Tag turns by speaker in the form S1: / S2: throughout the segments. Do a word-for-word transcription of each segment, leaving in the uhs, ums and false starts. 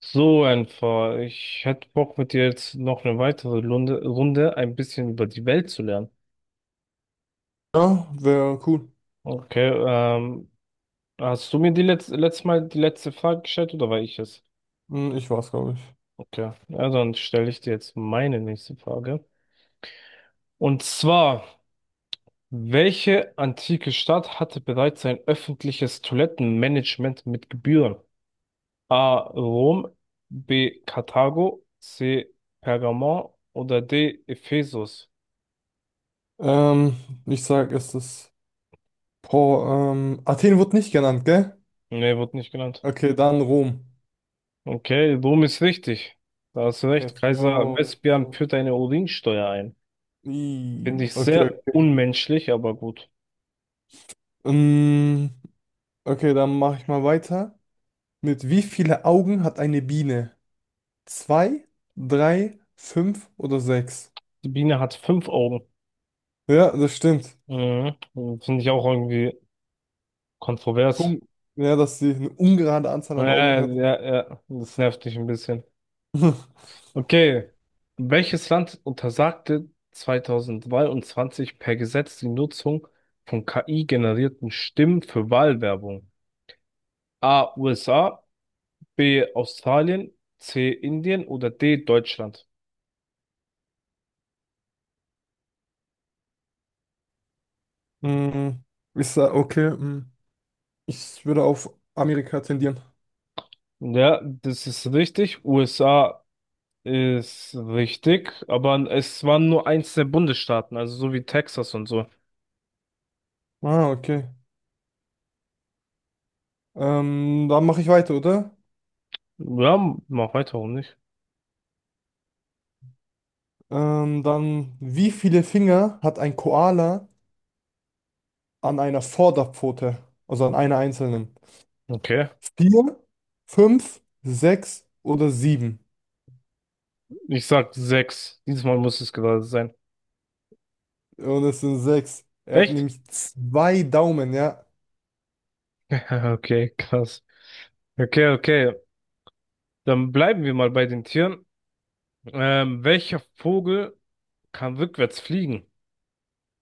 S1: So einfach. Ich hätte Bock, mit dir jetzt noch eine weitere Runde, Runde ein bisschen über die Welt zu lernen.
S2: Ja, wäre cool.
S1: Okay. Ähm, hast du mir die letzte, letztes Mal die letzte Frage gestellt oder war ich es?
S2: Hm, ich war's, glaube ich.
S1: Okay, ja, dann stelle ich dir jetzt meine nächste Frage. Und zwar, welche antike Stadt hatte bereits ein öffentliches Toilettenmanagement mit Gebühren? A. Rom, B. Karthago, C. Pergamon oder D. Ephesus?
S2: Ähm, Ich sag, es ist. Boah, ähm, Athen wird nicht genannt, gell?
S1: Nee, wurde nicht genannt.
S2: Okay, dann Rom.
S1: Okay, Rom ist richtig. Da hast du recht.
S2: Let's
S1: Kaiser Oh.
S2: go. Let's
S1: Vespasian
S2: go.
S1: führt eine Urinsteuer ein.
S2: I-
S1: Finde ich
S2: Okay.
S1: sehr unmenschlich, aber gut.
S2: Ähm, okay, dann mache ich mal weiter. Mit wie viele Augen hat eine Biene? Zwei, drei, fünf oder sechs?
S1: Die Biene hat fünf Augen.
S2: Ja, das stimmt.
S1: Mhm. Finde ich auch irgendwie kontrovers.
S2: Um, ja, dass sie eine ungerade Anzahl an Augen
S1: Ja,
S2: hat.
S1: ja, ja. Das nervt mich ein bisschen. Okay. Welches Land untersagte zwanzig dreiundzwanzig per Gesetz die Nutzung von K I-generierten Stimmen für Wahlwerbung? A. U S A, B. Australien, C. Indien oder D. Deutschland?
S2: Hm, ich sag, okay, hm, ich würde auf Amerika tendieren.
S1: Ja, das ist richtig. U S A ist richtig, aber es waren nur eins der Bundesstaaten, also so wie Texas und so.
S2: Ah, okay. Ähm, dann mache ich weiter, oder?
S1: Ja, mach weiter, warum nicht?
S2: Ähm, dann, wie viele Finger hat ein Koala an einer Vorderpfote? Also an einer einzelnen?
S1: Okay.
S2: Vier, fünf, sechs oder sieben?
S1: Ich sag sechs. Diesmal muss es gerade sein.
S2: Und es sind sechs. Er hat
S1: Echt?
S2: nämlich zwei Daumen, ja.
S1: Okay, krass. Okay, okay. Dann bleiben wir mal bei den Tieren. Ähm, welcher Vogel kann rückwärts fliegen?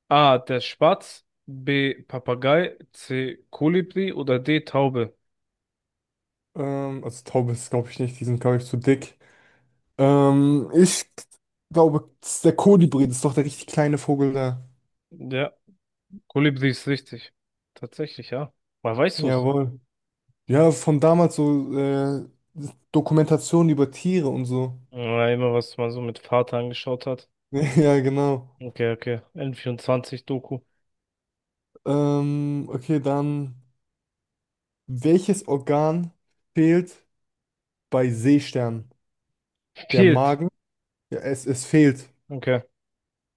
S1: A. Der Spatz. B. Papagei. C. Kolibri oder D. Taube?
S2: Ähm, also Taube ist, glaube ich, nicht. Die sind, glaube ich, zu dick. Ähm, ich glaube, der Kolibri, das ist doch der richtig kleine Vogel da.
S1: Ja. Kolibri ist richtig. Tatsächlich, ja. Woher weißt du es?
S2: Jawohl. Ja, von damals so äh, Dokumentationen über Tiere und so.
S1: Ja, immer was man so mit Vater angeschaut hat.
S2: Ja, genau.
S1: Okay, okay. n vierundzwanzig doku
S2: Ähm, okay, dann welches Organ fehlt bei Seesternen? Der
S1: Fehlt.
S2: Magen? Ja, es, es fehlt.
S1: Okay.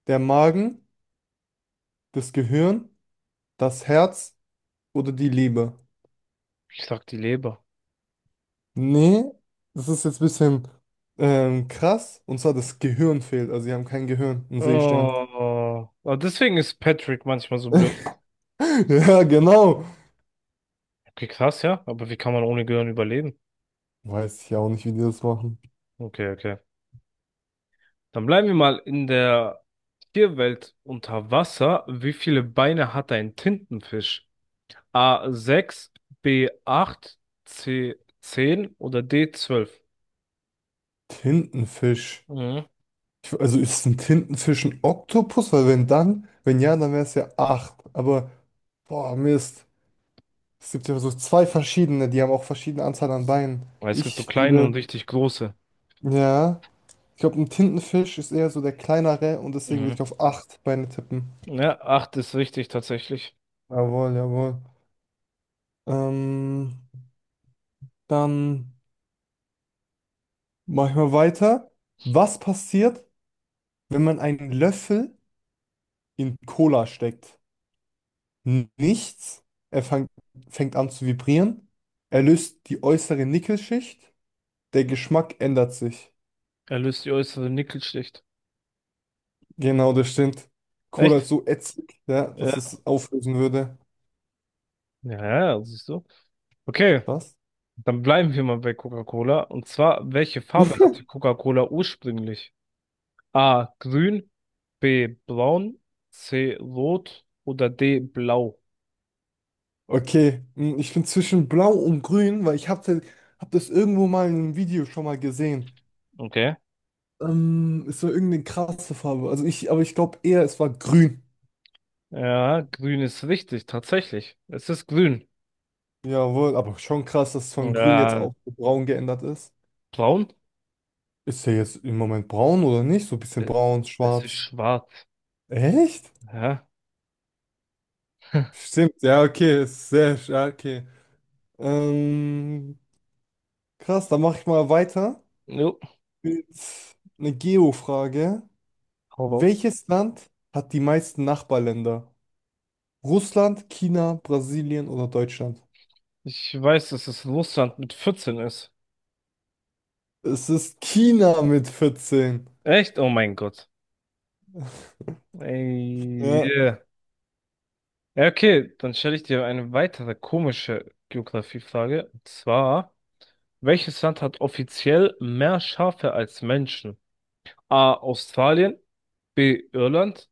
S2: Der Magen, das Gehirn, das Herz oder die Leber?
S1: Ich sag die Leber.
S2: Nee, das ist jetzt ein bisschen ähm, krass. Und zwar das Gehirn fehlt. Also sie haben kein Gehirn, ein Seestern.
S1: Oh, aber deswegen ist Patrick manchmal so blöd.
S2: Ja, genau.
S1: Okay, krass, ja. Aber wie kann man ohne Gehirn überleben?
S2: Weiß ich auch nicht, wie die das machen.
S1: Okay, okay. Dann bleiben wir mal in der Tierwelt unter Wasser. Wie viele Beine hat ein Tintenfisch? A. sechs, B. acht, C. zehn oder D zwölf?
S2: Tintenfisch. Ich, also ist es ein Tintenfisch ein Oktopus? Weil wenn dann, wenn ja, dann wäre es ja acht. Aber, boah, Mist. Es gibt ja so zwei verschiedene, die haben auch verschiedene Anzahl an Beinen.
S1: Weil es gibt so
S2: Ich
S1: kleine
S2: würde,
S1: und richtig große.
S2: ja, ich glaube, ein Tintenfisch ist eher so der kleinere und deswegen würde
S1: Mhm.
S2: ich auf acht Beine tippen.
S1: Ja, acht ist richtig tatsächlich.
S2: Jawohl, jawohl. Ähm, dann mache ich mal weiter. Was passiert, wenn man einen Löffel in Cola steckt? Nichts. Er fang, fängt an zu vibrieren. Er löst die äußere Nickelschicht. Der Geschmack ändert sich.
S1: Er löst die äußere Nickelschicht.
S2: Genau, das stimmt. Cola ist
S1: Echt?
S2: so ätzend, ja, dass
S1: Ja.
S2: es auflösen würde.
S1: Ja, ja, siehst du. Okay,
S2: Krass.
S1: dann bleiben wir mal bei Coca-Cola. Und zwar, welche Farbe hatte Coca-Cola ursprünglich? A. Grün, B. Braun, C. Rot oder D. Blau.
S2: Okay, hm, ich bin zwischen Blau und Grün, weil ich habe hab das irgendwo mal in einem Video schon mal gesehen.
S1: Okay.
S2: Ähm, es war irgendeine krasse Farbe. Also ich, aber ich glaube eher, es war Grün.
S1: Ja, grün ist richtig, tatsächlich. Es ist grün.
S2: Jawohl, aber schon krass, dass es von Grün jetzt
S1: Ja,
S2: auch zu Braun geändert ist.
S1: braun?
S2: Ist er jetzt im Moment braun oder nicht? So ein bisschen
S1: Äh,
S2: braun,
S1: Es ist
S2: schwarz.
S1: schwarz.
S2: Echt?
S1: Ja.
S2: Stimmt, ja, okay. Ist sehr, sch- ja, okay. Ähm, krass, dann mache ich mal weiter
S1: Jo.
S2: mit einer Geo-Frage.
S1: Hau raus.
S2: Welches Land hat die meisten Nachbarländer? Russland, China, Brasilien oder Deutschland?
S1: Ich weiß, dass es Russland mit vierzehn ist.
S2: Es ist China mit vierzehn.
S1: Echt? Oh mein Gott. Ey,
S2: Ja.
S1: yeah. Ja, okay, dann stelle ich dir eine weitere komische Geografiefrage. Und zwar, welches Land hat offiziell mehr Schafe als Menschen? A. Australien, B. Irland,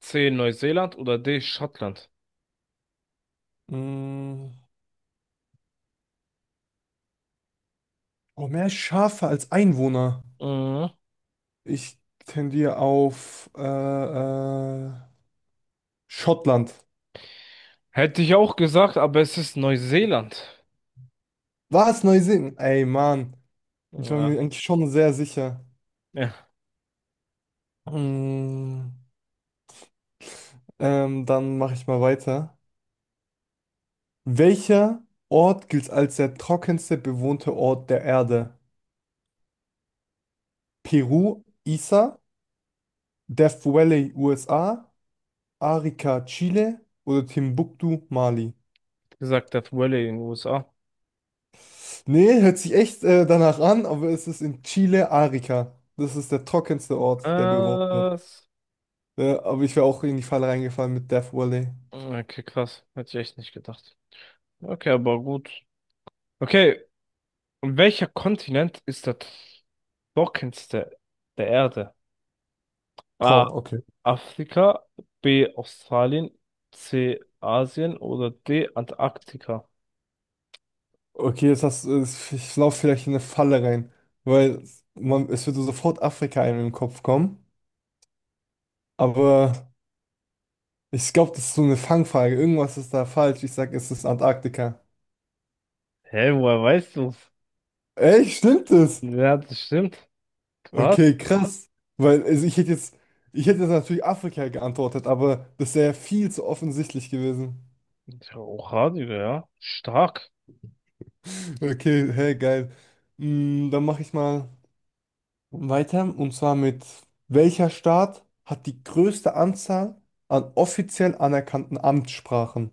S1: C. Neuseeland oder D. Schottland?
S2: Mm. Oh, mehr Schafe als Einwohner.
S1: Mhm.
S2: Ich tendiere auf äh, äh, Schottland.
S1: Hätte ich auch gesagt, aber es ist Neuseeland.
S2: Was? Neuseen? Ey, Mann. Ich war mir
S1: Ja,
S2: eigentlich schon sehr sicher.
S1: ja,
S2: Mm, ähm, dann mache ich mal weiter. Welcher Ort gilt als der trockenste bewohnte Ort der Erde? Peru, Isa, Death Valley, U S A, Arica, Chile oder Timbuktu, Mali?
S1: gesagt, das Valley in den U S A.
S2: Nee, hört sich echt äh, danach an, aber es ist in Chile, Arica. Das ist der trockenste Ort, der bewohnt wird.
S1: Was?
S2: Äh, aber ich wäre auch in die Falle reingefallen mit Death Valley.
S1: Okay, krass. Hätte ich echt nicht gedacht. Okay, aber gut. Okay, und welcher Kontinent ist das trockenste der Erde? A.
S2: Boah, okay.
S1: Afrika, B. Australien, C. Asien oder D. Antarktika?
S2: Okay, jetzt hast, äh, ich laufe vielleicht in eine Falle rein, weil man, es würde sofort Afrika einem im Kopf kommen. Aber ich glaube, das ist so eine Fangfrage. Irgendwas ist da falsch. Ich sag, es ist Antarktika.
S1: Hä, woher weißt du's?
S2: Echt? Stimmt es?
S1: Ja, das stimmt. Krass.
S2: Okay, krass. Weil also ich hätte jetzt, ich hätte jetzt natürlich Afrika geantwortet, aber das wäre viel zu offensichtlich gewesen.
S1: Ich hab auch Radio, ja. Stark.
S2: Okay, hey, geil. Mm, dann mache ich mal weiter, und zwar mit: welcher Staat hat die größte Anzahl an offiziell anerkannten Amtssprachen?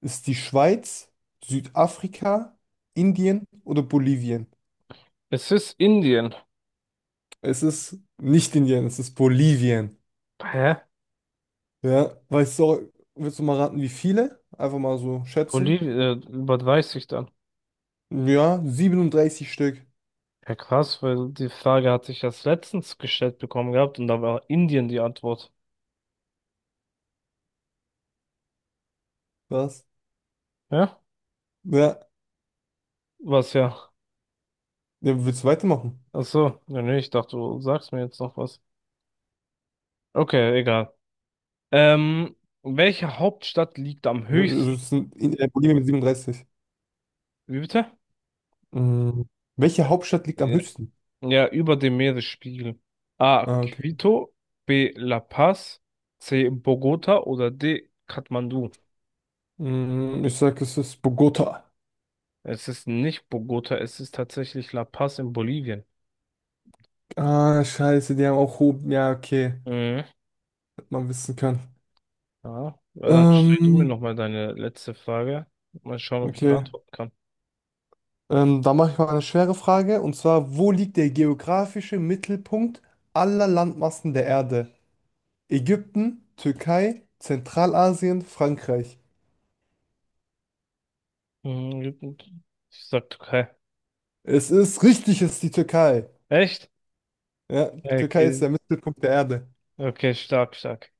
S2: Ist die Schweiz, Südafrika, Indien oder Bolivien?
S1: Es ist Indien.
S2: Es ist nicht Indien, es ist Bolivien.
S1: Hä?
S2: Ja, weißt du, willst du mal raten, wie viele? Einfach mal so schätzen.
S1: Bolivien, äh, was weiß ich dann?
S2: Ja, siebenunddreißig Stück.
S1: Ja, krass, weil die Frage hatte ich erst letztens gestellt bekommen gehabt und da war Indien die Antwort.
S2: Was?
S1: Ja?
S2: Ja,
S1: Was ja.
S2: ja, willst du weitermachen?
S1: Ach so, ja, nee, ich dachte, du sagst mir jetzt noch was. Okay, egal. Ähm, welche Hauptstadt liegt am
S2: Ne, also
S1: höchsten?
S2: es sind in äh, Bolivien mit siebenunddreißig.
S1: Wie bitte?
S2: Mhm. Welche Hauptstadt liegt am
S1: Ja,
S2: höchsten?
S1: ja, über dem Meeresspiegel. A.
S2: Ah, okay.
S1: Quito, B. La Paz, C. Bogota oder D. Kathmandu.
S2: Mm, ich sag, es ist Bogota.
S1: Es ist nicht Bogota, es ist tatsächlich La Paz in Bolivien.
S2: Ah, scheiße, die haben auch Hub. Ja, okay.
S1: Mhm.
S2: Hätte man wissen können.
S1: Ja, ja, dann stell du mir
S2: Ähm,
S1: nochmal deine letzte Frage. Mal schauen, ob ich es
S2: okay.
S1: beantworten kann.
S2: Ähm, dann mache ich mal eine schwere Frage. Und zwar, wo liegt der geografische Mittelpunkt aller Landmassen der Erde? Ägypten, Türkei, Zentralasien, Frankreich.
S1: Mhm, ich sag Türkei.
S2: Es ist richtig, es ist die Türkei.
S1: Echt?
S2: Ja, die Türkei ist
S1: Okay.
S2: der Mittelpunkt der Erde.
S1: Okay, stark, stark.